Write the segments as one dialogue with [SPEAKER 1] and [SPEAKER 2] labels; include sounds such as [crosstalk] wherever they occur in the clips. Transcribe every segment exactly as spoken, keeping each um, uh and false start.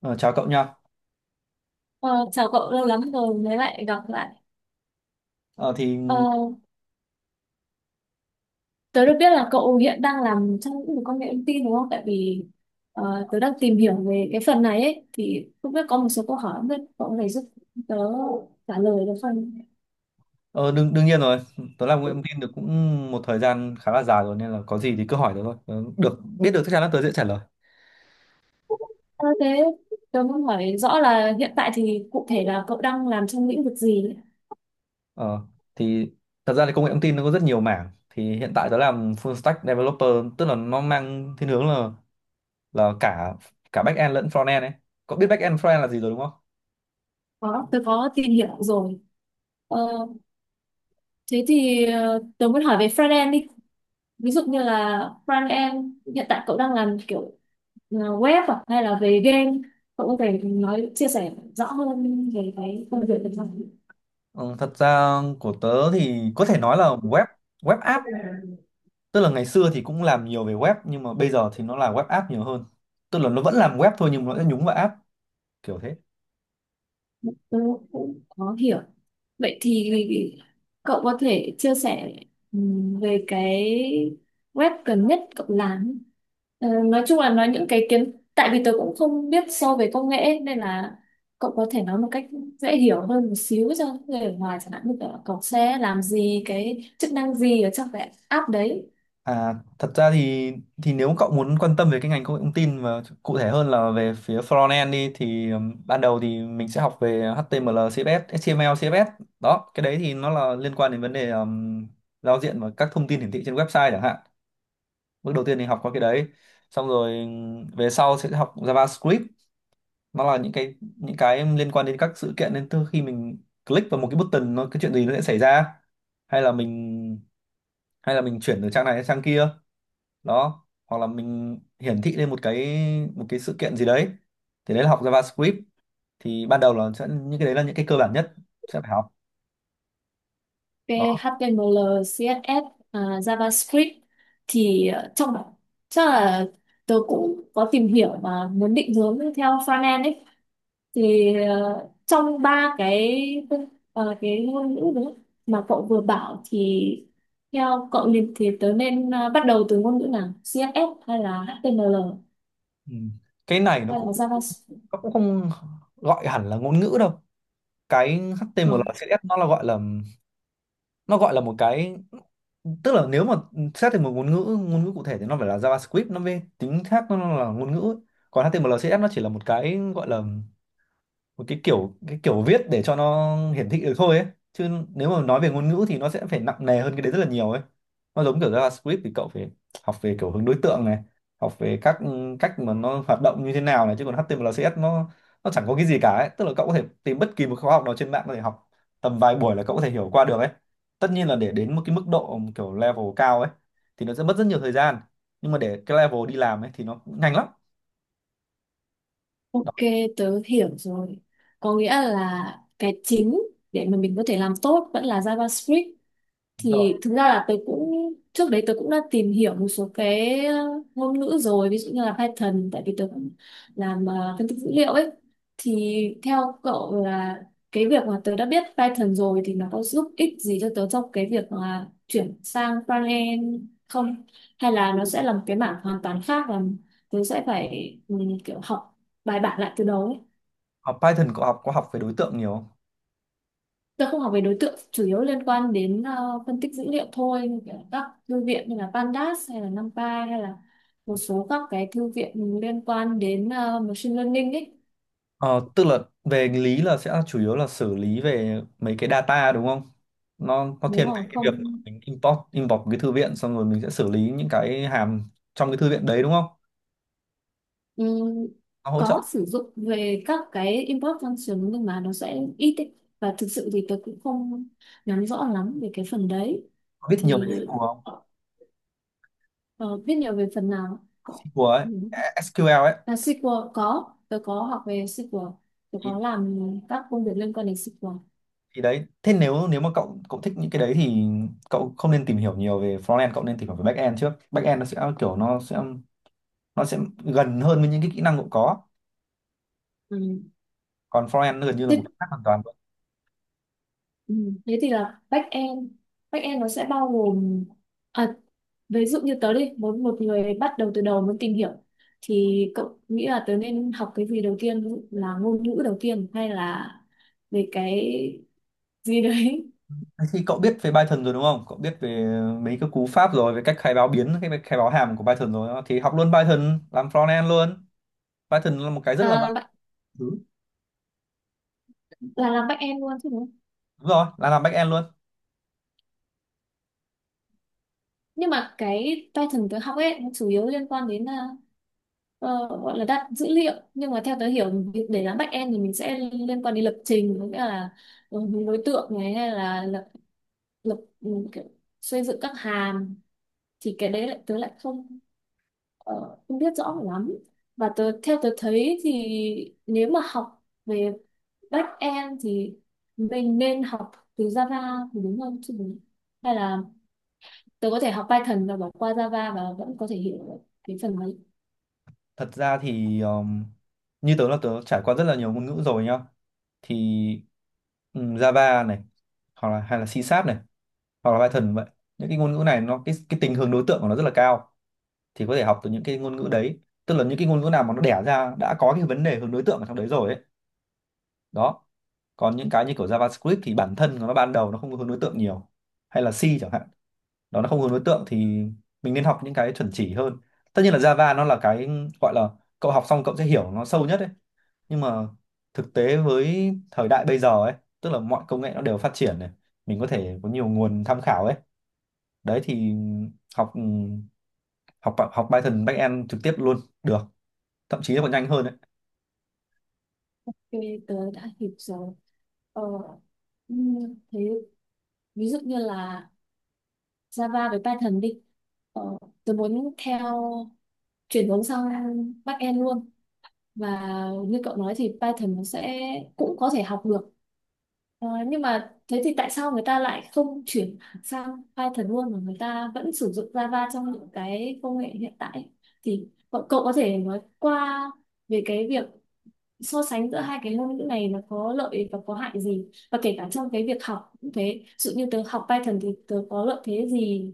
[SPEAKER 1] Ờ, Chào cậu nha.
[SPEAKER 2] Ờ, chào cậu, lâu lắm rồi mới lại gặp lại.
[SPEAKER 1] Ờ, thì
[SPEAKER 2] Ờ, tớ được biết là cậu hiện đang làm trong lĩnh vực công nghệ thông tin đúng không? Tại vì ờ, tớ đang tìm hiểu về cái phần này ấy, thì không biết có một số câu hỏi, không biết cậu có thể giúp tớ trả lời được không?
[SPEAKER 1] ờ, đương đương nhiên rồi. Tớ làm nguyện viên được cũng một thời gian khá là dài rồi nên là có gì thì cứ hỏi tớ thôi. Tớ được biết được chắc chắn là tớ sẽ trả lời.
[SPEAKER 2] Ờ, thế tớ muốn hỏi rõ là hiện tại thì cụ thể là cậu đang làm trong lĩnh vực gì ấy?
[SPEAKER 1] Ờ, thì Thật ra thì công nghệ thông tin nó có rất nhiều mảng. Thì hiện tại tớ làm full stack developer, tức là nó mang thiên hướng là là cả cả back end lẫn front end ấy. Cậu biết back end front end là gì rồi đúng không?
[SPEAKER 2] Có, tớ có tìm hiểu rồi. Ờ, thế thì ờ, tớ muốn hỏi về front end đi. Ví dụ như là front end hiện tại cậu đang làm kiểu ờ, web à? Hay là về game? Cậu có thể nói chia sẻ rõ hơn về cái công việc được không?
[SPEAKER 1] Ừ, Thật ra của tớ thì có thể nói là web web app, tức là ngày xưa thì cũng làm nhiều về web nhưng mà bây giờ thì nó là web app nhiều hơn, tức là nó vẫn làm web thôi nhưng mà nó sẽ nhúng vào app, kiểu thế.
[SPEAKER 2] Tôi cũng có hiểu. Vậy thì cậu có thể chia sẻ ừm, về cái web gần nhất cậu làm. Ờ, nói chung là nói những cái kiến, tại vì tôi cũng không biết sâu về công nghệ ấy, nên là cậu có thể nói một cách dễ hiểu hơn một xíu cho người ở ngoài, chẳng hạn như kiểu là cậu sẽ làm gì, cái chức năng gì ở trong cái app đấy.
[SPEAKER 1] À, thật ra thì thì nếu cậu muốn quan tâm về cái ngành công nghệ thông tin và cụ thể hơn là về phía frontend đi thì ừm, ban đầu thì mình sẽ học về HTML CSS HTML CSS. Đó, cái đấy thì nó là liên quan đến vấn đề ừm, giao diện và các thông tin hiển thị trên website chẳng hạn. Bước đầu tiên thì học qua cái đấy, xong rồi ừm, về sau sẽ học JavaScript. Nó là những cái những cái liên quan đến các sự kiện, nên từ khi mình click vào một cái button nó cái chuyện gì nó sẽ xảy ra, hay là mình hay là mình chuyển từ trang này sang trang kia, đó, hoặc là mình hiển thị lên một cái một cái sự kiện gì đấy, thì đấy là học JavaScript. Thì ban đầu là sẽ những cái đấy là những cái cơ bản nhất sẽ phải học. Đó.
[SPEAKER 2] hát tê em lờ, xê ét ét, à, JavaScript, thì ờ, trong, chắc là tớ cũng có tìm hiểu mà muốn định hướng theo frontend ấy, thì ờ, trong ba cái ờ, cái ngôn ngữ đấy mà cậu vừa bảo, thì theo cậu liền thì tớ nên ờ, bắt đầu từ ngôn ngữ nào, si ét ét hay là hát tê em lờ
[SPEAKER 1] ừ. Cái này nó
[SPEAKER 2] hay là
[SPEAKER 1] cũng
[SPEAKER 2] JavaScript?
[SPEAKER 1] nó cũng không gọi hẳn là ngôn ngữ đâu. Cái
[SPEAKER 2] Ờ,
[SPEAKER 1] hát tê em lờ xê ét ét nó là gọi là nó gọi là một cái tức là nếu mà xét thành một ngôn ngữ ngôn ngữ cụ thể thì nó phải là JavaScript, nó mới tính, khác, nó là ngôn ngữ ấy. Còn hát tê em lờ xê ét ét nó chỉ là một cái gọi là một cái kiểu, cái kiểu viết để cho nó hiển thị được thôi ấy, chứ nếu mà nói về ngôn ngữ thì nó sẽ phải nặng nề hơn cái đấy rất là nhiều ấy. Nó giống kiểu JavaScript thì cậu phải học về kiểu hướng đối tượng này, học về các cách mà nó hoạt động như thế nào này, chứ còn hát tê em lờ xê ét ét nó nó chẳng có cái gì cả ấy, tức là cậu có thể tìm bất kỳ một khóa học nào trên mạng có thể học, tầm vài buổi là cậu có thể hiểu qua được ấy. Tất nhiên là để đến một cái mức độ kiểu level cao ấy thì nó sẽ mất rất nhiều thời gian, nhưng mà để cái level đi làm ấy thì nó cũng nhanh lắm. Đó,
[SPEAKER 2] ok, tớ hiểu rồi, có nghĩa là cái chính để mà mình có thể làm tốt vẫn là JavaScript.
[SPEAKER 1] đúng rồi.
[SPEAKER 2] Thì thực ra là tôi cũng, trước đấy tôi cũng đã tìm hiểu một số cái ờ, ngôn ngữ rồi, ví dụ như là Python, tại vì tôi cũng làm ờ, phân tích dữ liệu ấy. Thì theo cậu là cái việc mà tôi đã biết Python rồi thì nó có giúp ích gì cho tớ trong cái việc mà chuyển sang frontend không, hay là nó sẽ là một cái mảng hoàn toàn khác và tớ sẽ phải ừ, kiểu học bài bản lại từ đầu?
[SPEAKER 1] Học Python cậu học có học về đối tượng nhiều không?
[SPEAKER 2] Tôi không học về đối tượng, chủ yếu liên quan đến ờ, phân tích dữ liệu thôi, như kiểu các thư viện như là Pandas hay là NumPy, hay là một số các cái thư viện liên quan đến ờ, machine learning ấy.
[SPEAKER 1] Ờ, Tức là về lý là sẽ chủ yếu là xử lý về mấy cái data đúng không? Nó nó
[SPEAKER 2] Đúng
[SPEAKER 1] thiên về
[SPEAKER 2] rồi,
[SPEAKER 1] cái việc
[SPEAKER 2] không
[SPEAKER 1] mình import import một cái thư viện, xong rồi mình sẽ xử lý những cái hàm trong cái thư viện đấy đúng không?
[SPEAKER 2] ừm,
[SPEAKER 1] Nó hỗ trợ
[SPEAKER 2] có sử dụng về các cái import function nhưng mà nó sẽ ít ấy. Và thực sự thì tôi cũng không nắm rõ lắm về cái phần đấy.
[SPEAKER 1] có biết nhiều về
[SPEAKER 2] Thì
[SPEAKER 1] ét quy eo không?
[SPEAKER 2] ờ, biết nhiều về phần nào?
[SPEAKER 1] ét quy eo ấy,
[SPEAKER 2] Ừ.
[SPEAKER 1] ét quy eo ấy
[SPEAKER 2] Là ét quy lờ có, tôi có học về ét quy lờ, tôi
[SPEAKER 1] thì,
[SPEAKER 2] có làm các công việc liên quan đến ét quy lờ.
[SPEAKER 1] thì đấy. Thế nếu nếu mà cậu cậu thích những cái đấy thì cậu không nên tìm hiểu nhiều về frontend, cậu nên tìm hiểu về backend trước. Backend nó sẽ kiểu nó sẽ nó sẽ gần hơn với những cái kỹ năng cậu có,
[SPEAKER 2] Ừ.
[SPEAKER 1] còn frontend nó gần như là một
[SPEAKER 2] Thế,
[SPEAKER 1] cái khác hoàn toàn.
[SPEAKER 2] ừ, thế thì là back end, back end nó sẽ bao gồm à, ví dụ như tớ đi, muốn một người bắt đầu từ đầu muốn tìm hiểu, thì cậu nghĩ là tớ nên học cái gì đầu tiên, ví dụ là ngôn ngữ đầu tiên hay là về cái gì đấy?
[SPEAKER 1] Thế thì cậu biết về Python rồi đúng không? Cậu biết về mấy cái cú pháp rồi, về cách khai báo biến, cái khai báo hàm của Python rồi. Đó. Thì học luôn Python, làm front end luôn. Python là một cái rất là vạn
[SPEAKER 2] à, bạn-
[SPEAKER 1] thứ.
[SPEAKER 2] là làm back end luôn chứ, đúng?
[SPEAKER 1] Đúng rồi, là làm back end luôn.
[SPEAKER 2] Nhưng mà cái Python tớ học ấy nó chủ yếu liên quan đến à, ờ, gọi là đặt dữ liệu, nhưng mà theo tớ hiểu việc để làm backend thì mình sẽ liên quan đến lập trình, có nghĩa là ừ, đối tượng này, hay là lập lập ừ, kiểu, xây dựng các hàm, thì cái đấy lại tớ lại không ờ, không biết rõ lắm. Và tớ, theo tớ thấy thì nếu mà học về backend thì mình nên học từ Java thì đúng không, chứ mình- hay là tớ có thể học Python và bỏ qua Java và vẫn có thể hiểu được cái phần đấy?
[SPEAKER 1] Thật ra thì um, như tớ là tớ trải qua rất là nhiều ngôn ngữ rồi nhá. Thì ừm, Java này, hoặc là hay là C Sharp này, hoặc là Python vậy. Những cái ngôn ngữ này nó cái cái tình hướng đối tượng của nó rất là cao. Thì có thể học từ những cái ngôn ngữ đấy. Tức là những cái ngôn ngữ nào mà nó đẻ ra đã có cái vấn đề hướng đối tượng ở trong đấy rồi ấy, đó, còn những cái như kiểu JavaScript thì bản thân của nó ban đầu nó không có hướng đối tượng nhiều, hay là C chẳng hạn, đó, nó không hướng đối tượng, thì mình nên học những cái chuẩn chỉ hơn. Tất nhiên là Java nó là cái gọi là cậu học xong cậu sẽ hiểu nó sâu nhất ấy, nhưng mà thực tế với thời đại bây giờ ấy, tức là mọi công nghệ nó đều phát triển này, mình có thể có nhiều nguồn tham khảo ấy, đấy thì học học học Python backend trực tiếp luôn được, thậm chí nó còn nhanh hơn đấy.
[SPEAKER 2] Cho nên tớ đã hiểu rồi. ờ, ừm, Thế ví dụ như là Java với Python đi, ờ, tớ muốn theo, chuyển hướng sang backend luôn, và như cậu nói thì Python nó sẽ cũng có thể học được. Ờ, nhưng mà thế thì tại sao người ta lại không chuyển sang Python luôn mà người ta vẫn sử dụng Java trong những cái công nghệ hiện tại? Thì cậu, cậu có thể nói qua về cái việc so sánh giữa hai cái ngôn ngữ này nó có lợi và có hại gì, và kể cả trong cái việc học cũng thế, ví dụ như tớ học Python thì tớ có lợi thế gì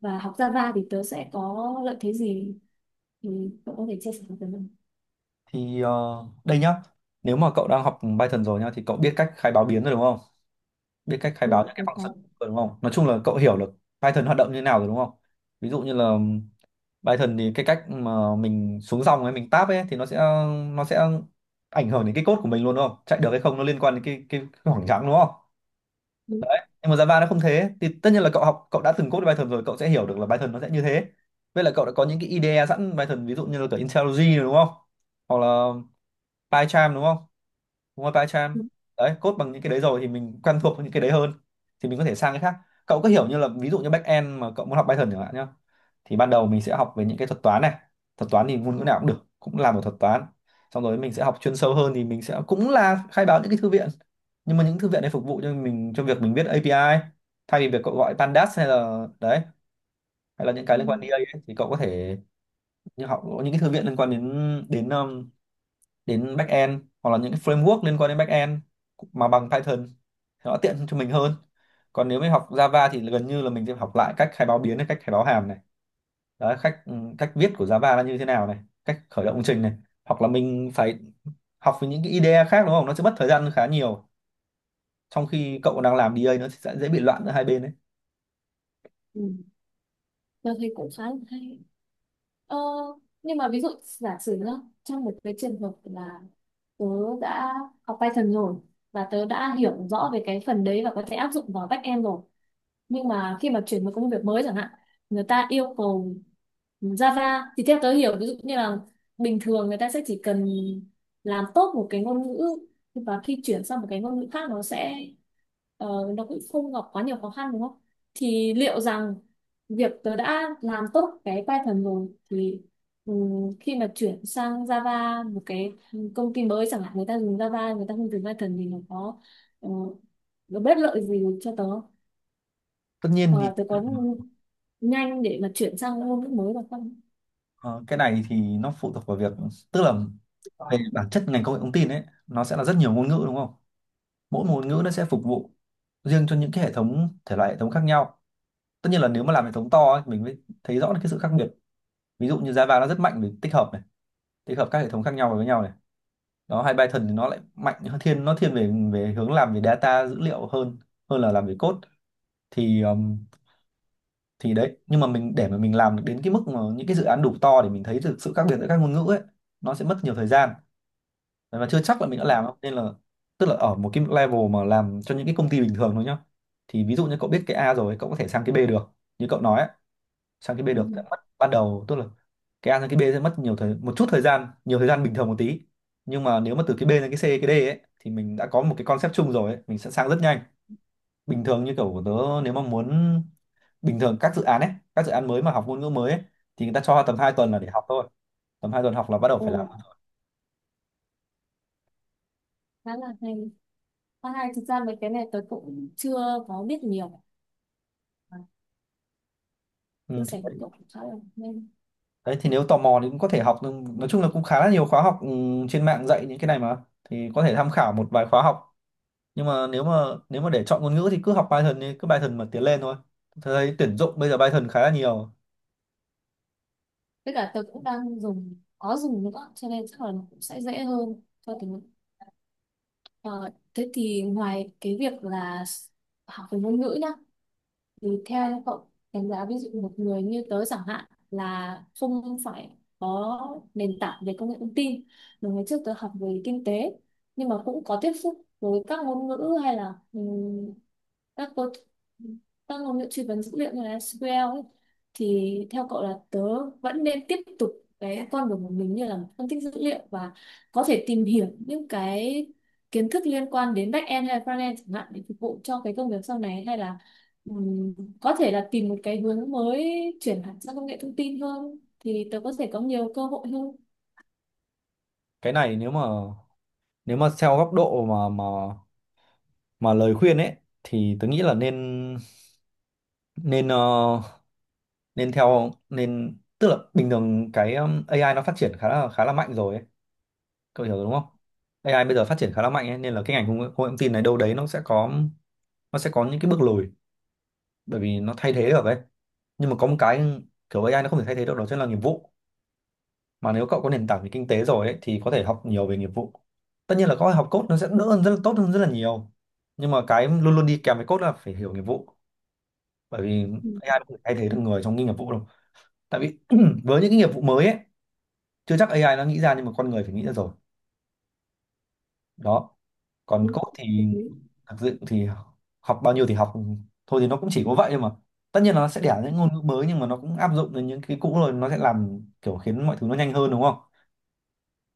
[SPEAKER 2] và học Java thì tớ sẽ có lợi thế gì, thì cậu có thể chia sẻ với tớ không?
[SPEAKER 1] Thì ờ, đây nhá, nếu mà cậu đang học Python rồi nhá thì cậu biết cách khai báo biến rồi đúng không, biết cách khai
[SPEAKER 2] Ừ,
[SPEAKER 1] báo những
[SPEAKER 2] tớ
[SPEAKER 1] cái function
[SPEAKER 2] có.
[SPEAKER 1] rồi đúng không, nói chung là cậu hiểu được Python hoạt động như thế nào rồi đúng không. Ví dụ như là Python thì cái cách mà mình xuống dòng ấy, mình tab ấy, thì nó sẽ nó sẽ ảnh hưởng đến cái code của mình luôn đúng không, chạy được hay không nó liên quan đến cái cái, cái khoảng trắng đúng không.
[SPEAKER 2] Ừ,
[SPEAKER 1] Đấy, nhưng mà Java nó không thế, thì tất nhiên là cậu học, cậu đã từng code Python rồi cậu sẽ hiểu được là Python nó sẽ như thế. Với lại cậu đã có những cái i đê e sẵn Python ví dụ như là cả IntelliJ rồi đúng không, hoặc là PyCharm đúng không, đúng rồi PyCharm.
[SPEAKER 2] ừ,
[SPEAKER 1] Đấy, code bằng những cái đấy rồi thì mình quen thuộc với những cái đấy hơn, thì mình có thể sang cái khác. Cậu cứ hiểu như là ví dụ như back end mà cậu muốn học Python chẳng hạn nhá, thì ban đầu mình sẽ học về những cái thuật toán này. Thuật toán thì ngôn ngữ nào cũng được, cũng là một thuật toán. Xong rồi mình sẽ học chuyên sâu hơn thì mình sẽ cũng là khai báo những cái thư viện, nhưng mà những thư viện này phục vụ cho mình cho việc mình viết ây pi ai, thay vì việc cậu gọi pandas hay là đấy, hay là những
[SPEAKER 2] ừ,
[SPEAKER 1] cái liên quan đến ấy, thì cậu có thể như học những cái thư viện liên quan đến đến um, đến backend hoặc là những cái framework liên quan đến backend mà bằng Python thì nó tiện cho mình hơn. Còn nếu mình học Java thì gần như là mình sẽ học lại cách khai báo biến này, cách khai báo hàm này, đấy, cách ừ, cách viết của Java là như thế nào này, cách khởi động công trình này, hoặc là mình phải học với những cái i đê e khác đúng không, nó sẽ mất thời gian khá nhiều, trong khi cậu đang làm đi ây nó sẽ dễ bị loạn giữa hai bên đấy.
[SPEAKER 2] ừ. Tớ thấy cũng khá là hay. ờ, nhưng mà ví dụ giả sử nhá, trong một cái trường hợp là tớ đã học Python rồi và tớ đã hiểu rõ về cái phần đấy và có thể áp dụng vào backend rồi, nhưng mà khi mà chuyển một công việc mới chẳng hạn, người ta yêu cầu Java, thì theo tớ hiểu ví dụ như là bình thường người ta sẽ chỉ cần làm tốt một cái ngôn ngữ, và khi chuyển sang một cái ngôn ngữ khác nó sẽ ờ, nó cũng không gặp quá nhiều khó khăn đúng không? Thì liệu rằng việc tớ đã làm tốt cái Python rồi thì ừm, khi mà chuyển sang Java, một cái công ty mới chẳng hạn, người ta dùng Java, người ta không dùng Python, thì nó có ờ, nó bất lợi gì cho tớ,
[SPEAKER 1] Tất nhiên
[SPEAKER 2] hoặc
[SPEAKER 1] thì
[SPEAKER 2] là tôi có nhanh để mà chuyển sang ngôn ngữ mới được không?
[SPEAKER 1] ờ, cái này thì nó phụ thuộc vào việc, tức là về bản chất ngành công nghệ thông tin ấy nó sẽ là rất nhiều ngôn ngữ đúng không, mỗi một ngôn ngữ nó sẽ phục vụ riêng cho những cái hệ thống, thể loại hệ thống khác nhau. Tất nhiên là nếu mà làm hệ thống to ấy, mình mới thấy rõ được cái sự khác biệt. Ví dụ như Java nó rất mạnh về tích hợp này, tích hợp các hệ thống khác nhau vào với nhau này, đó, hay Python thì nó lại mạnh hơn thiên nó thiên về về hướng làm về data dữ liệu hơn, hơn là làm về code. thì um, thì đấy, nhưng mà mình để mà mình làm được đến cái mức mà những cái dự án đủ to để mình thấy được sự khác biệt giữa các ngôn ngữ ấy nó sẽ mất nhiều thời gian, và chưa chắc là mình đã làm đâu, nên là tức là ở một cái level mà làm cho những cái công ty bình thường thôi nhá, thì ví dụ như cậu biết cái A rồi cậu có thể sang cái B được, như cậu nói ấy, sang cái B
[SPEAKER 2] Ừ.
[SPEAKER 1] được sẽ mất ban đầu, tức là cái A sang cái B sẽ mất nhiều thời một chút thời gian, nhiều thời gian bình thường một tí, nhưng mà nếu mà từ cái B sang cái C cái D ấy thì mình đã có một cái concept chung rồi ấy, mình sẽ sang rất nhanh. Bình thường như kiểu của tớ, nếu mà muốn, bình thường các dự án ấy, các dự án mới mà học ngôn ngữ mới ấy, thì người ta cho tầm hai tuần là để học thôi. Tầm hai tuần học là bắt đầu phải làm.
[SPEAKER 2] Ồ, khá là hay, khá hay, thực ra mấy cái này tôi cũng chưa có biết nhiều. à, Chia
[SPEAKER 1] Ừ,
[SPEAKER 2] sẻ với cậu cũng khá là nên.
[SPEAKER 1] đấy thì nếu tò mò thì cũng có thể học nhưng nói chung là cũng khá là nhiều khóa học, ừ, trên mạng dạy những cái này mà. Thì có thể tham khảo một vài khóa học. Nhưng mà nếu mà nếu mà để chọn ngôn ngữ thì cứ học Python đi, cứ Python mà tiến lên thôi. Tôi thấy tuyển dụng bây giờ Python khá là nhiều.
[SPEAKER 2] Tất cả tôi cũng đang dùng có dùng nữa, cho nên chắc là nó cũng sẽ dễ hơn cho tiếng Anh. Ờ, thế thì ngoài cái việc là học về ngôn ngữ nhá, tùy theo nha, cậu đánh giá ví dụ một người như tớ chẳng hạn, là không phải có nền tảng về công nghệ thông tin, mà ngày trước tớ học về kinh tế, nhưng mà cũng có tiếp xúc với các ngôn ngữ, hay là ừm, các cô các ngôn ngữ truy vấn dữ liệu như là ét quy eo ấy, thì theo cậu là tớ vẫn nên tiếp tục cái con đường của mình như là phân tích dữ liệu và có thể tìm hiểu những cái kiến thức liên quan đến back end hay front end chẳng hạn để phục vụ cho cái công việc sau này, hay là Ừm, có thể là tìm một cái hướng mới, chuyển hẳn sang công nghệ thông tin hơn thì tớ có thể có nhiều cơ hội hơn?
[SPEAKER 1] Cái này nếu mà nếu mà theo góc độ mà mà mà lời khuyên ấy, thì tôi nghĩ là nên nên ờ, nên theo nên tức là bình thường cái um, a i nó phát triển khá là khá là mạnh rồi ấy. Cậu hiểu rồi đúng không? a i bây giờ phát triển khá là mạnh ấy, nên là cái ngành công nghệ công nghệ thông tin này đâu đấy nó sẽ có nó sẽ có những cái bước lùi bởi vì nó thay thế được ấy. Nhưng mà có một cái kiểu a i nó không thể thay thế được, đó chính là nghiệp vụ. Mà nếu cậu có nền tảng về kinh tế rồi ấy, thì có thể học nhiều về nghiệp vụ. Tất nhiên là có học code nó sẽ đỡ hơn, rất là tốt hơn rất là nhiều, nhưng mà cái luôn luôn đi kèm với code là phải hiểu nghiệp vụ. Bởi vì
[SPEAKER 2] Ừ,
[SPEAKER 1] a i nó không thể thay thế được người trong cái nghiệp vụ đâu. Tại vì [clears throat] với những cái nghiệp vụ mới ấy, chưa chắc a i nó nghĩ ra, nhưng mà con người phải nghĩ ra rồi. Đó. Còn
[SPEAKER 2] đúng,
[SPEAKER 1] code
[SPEAKER 2] hợp
[SPEAKER 1] thì
[SPEAKER 2] lý.
[SPEAKER 1] thực sự thì học bao nhiêu thì học thôi, thì nó cũng chỉ có vậy thôi mà. Tất nhiên là nó sẽ đẻ những ngôn ngữ mới nhưng mà nó cũng áp dụng đến những cái cũ rồi, nó sẽ làm kiểu khiến mọi thứ nó nhanh hơn đúng không?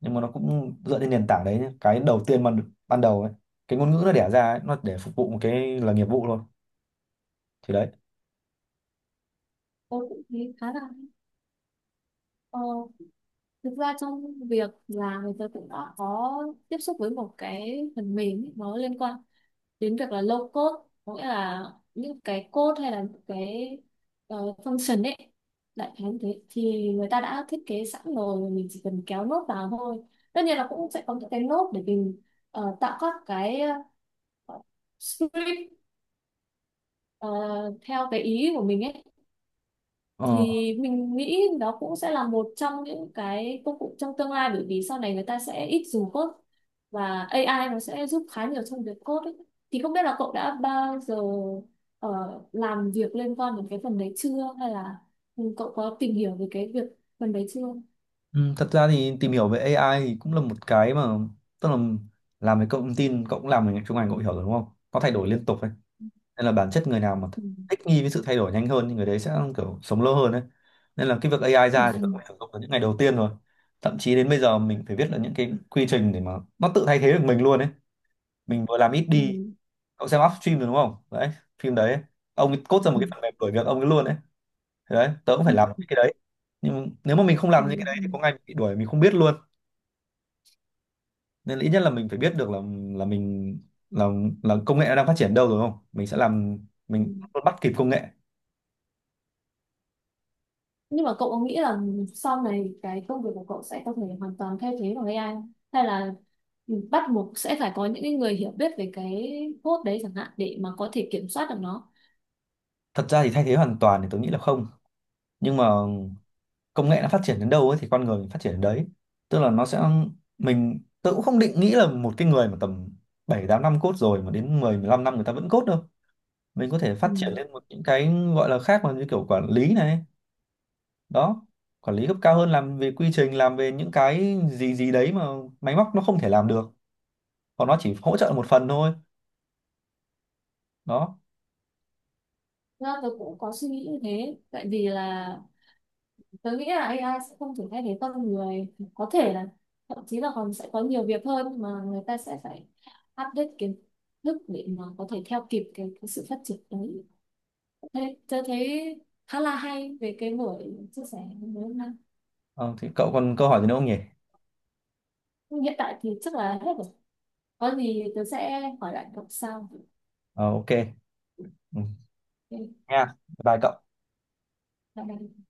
[SPEAKER 1] Nhưng mà nó cũng dựa trên nền tảng đấy nhé. Cái đầu tiên mà ban đầu ấy, cái ngôn ngữ nó đẻ ra ấy, nó để phục vụ một cái là nghiệp vụ thôi. Thì đấy.
[SPEAKER 2] Tôi cũng thấy khá là hay. ờ, Thực ra trong việc làm thì tớ cũng đã có tiếp xúc với một cái phần mềm ấy, nó liên quan đến việc là low code, có nghĩa là những cái code hay là những cái ờ, function ấy, đại khái như thế thì người ta đã thiết kế sẵn rồi và mình chỉ cần kéo nốt vào thôi. Tất nhiên là cũng sẽ có những cái nốt để mình ờ, tạo các cái ờ, script ờ, theo cái ý của mình ấy.
[SPEAKER 1] Ờ.
[SPEAKER 2] Thì mình nghĩ đó cũng sẽ là một trong những cái công cụ trong tương lai, bởi vì sau này người ta sẽ ít dùng code và a i nó sẽ giúp khá nhiều trong việc code ấy. Thì không biết là cậu đã bao giờ ờ, làm việc liên quan đến cái phần đấy chưa, hay là ừ, cậu có tìm hiểu về cái việc, phần đấy chưa?
[SPEAKER 1] Ừ, thật ra thì tìm hiểu về a i thì cũng là một cái mà, tức là làm về công nghệ thông tin cậu cũng làm về ngành- trong ngành, cậu hiểu rồi đúng không? Nó thay đổi liên tục nên là bản chất người nào mà
[SPEAKER 2] Ừ.
[SPEAKER 1] thích nghi với sự thay đổi nhanh hơn thì người đấy sẽ kiểu sống lâu hơn đấy. Nên là cái việc a i
[SPEAKER 2] Ừ.
[SPEAKER 1] ra thì cũng phải sử dụng từ những ngày đầu tiên rồi. Thậm chí đến bây giờ mình phải viết là những cái quy trình để mà nó tự thay thế được mình luôn đấy, mình vừa làm ít
[SPEAKER 2] Ừ.
[SPEAKER 1] đi. Cậu xem Upstream rồi đúng không đấy? Phim đấy ấy. Ông ấy cốt ra một
[SPEAKER 2] Ừ.
[SPEAKER 1] cái phần mềm đuổi việc ông ấy luôn đấy. Thế đấy, tớ cũng phải làm những cái đấy. Nhưng mà nếu mà mình không
[SPEAKER 2] Ừ.
[SPEAKER 1] làm những cái đấy thì có ngày mình bị đuổi mình không biết luôn. Nên là ít nhất là mình phải biết được là là mình, là là công nghệ nó đang phát triển đâu rồi, không mình sẽ làm,
[SPEAKER 2] Ừ.
[SPEAKER 1] mình bắt kịp công nghệ.
[SPEAKER 2] Nhưng mà cậu có nghĩ là sau này cái công việc của cậu sẽ có thể hoàn toàn thay thế bằng a i không? Hay là bắt buộc sẽ phải có những cái người hiểu biết về cái code đấy chẳng hạn để mà có thể kiểm soát được nó?
[SPEAKER 1] Thật ra thì thay thế hoàn toàn thì tôi nghĩ là không, nhưng mà công nghệ nó phát triển đến đâu ấy thì con người mình phát triển đến đấy. Tức là nó sẽ, mình, tôi cũng không định nghĩ là một cái người mà tầm bảy tám năm cốt rồi mà đến mười 15 năm người ta vẫn cốt đâu. Mình có thể
[SPEAKER 2] Ừ.
[SPEAKER 1] phát triển lên một những cái gọi là khác mà như kiểu quản lý này. Đó. Quản lý cấp cao hơn, làm về quy trình, làm về những cái gì gì đấy mà máy móc nó không thể làm được. Còn nó chỉ hỗ trợ một phần thôi. Đó.
[SPEAKER 2] Thực ra tôi cũng có suy nghĩ như thế, tại vì là tôi nghĩ là a i sẽ không thể thay thế con người, có thể là thậm chí là còn sẽ có nhiều việc hơn mà người ta sẽ phải update kiến thức để mà có thể theo kịp cái, cái sự phát triển đấy. Thế tôi thấy khá là hay về cái buổi chia sẻ ngày hôm nay.
[SPEAKER 1] Ờ, thì cậu còn câu hỏi gì nữa không nhỉ?
[SPEAKER 2] Hiện tại thì chắc là hết rồi, có gì tớ sẽ hỏi lại cậu sau.
[SPEAKER 1] Ờ, ok. Ừ.
[SPEAKER 2] Ok,
[SPEAKER 1] Nha, bye bye cậu.
[SPEAKER 2] bye bye.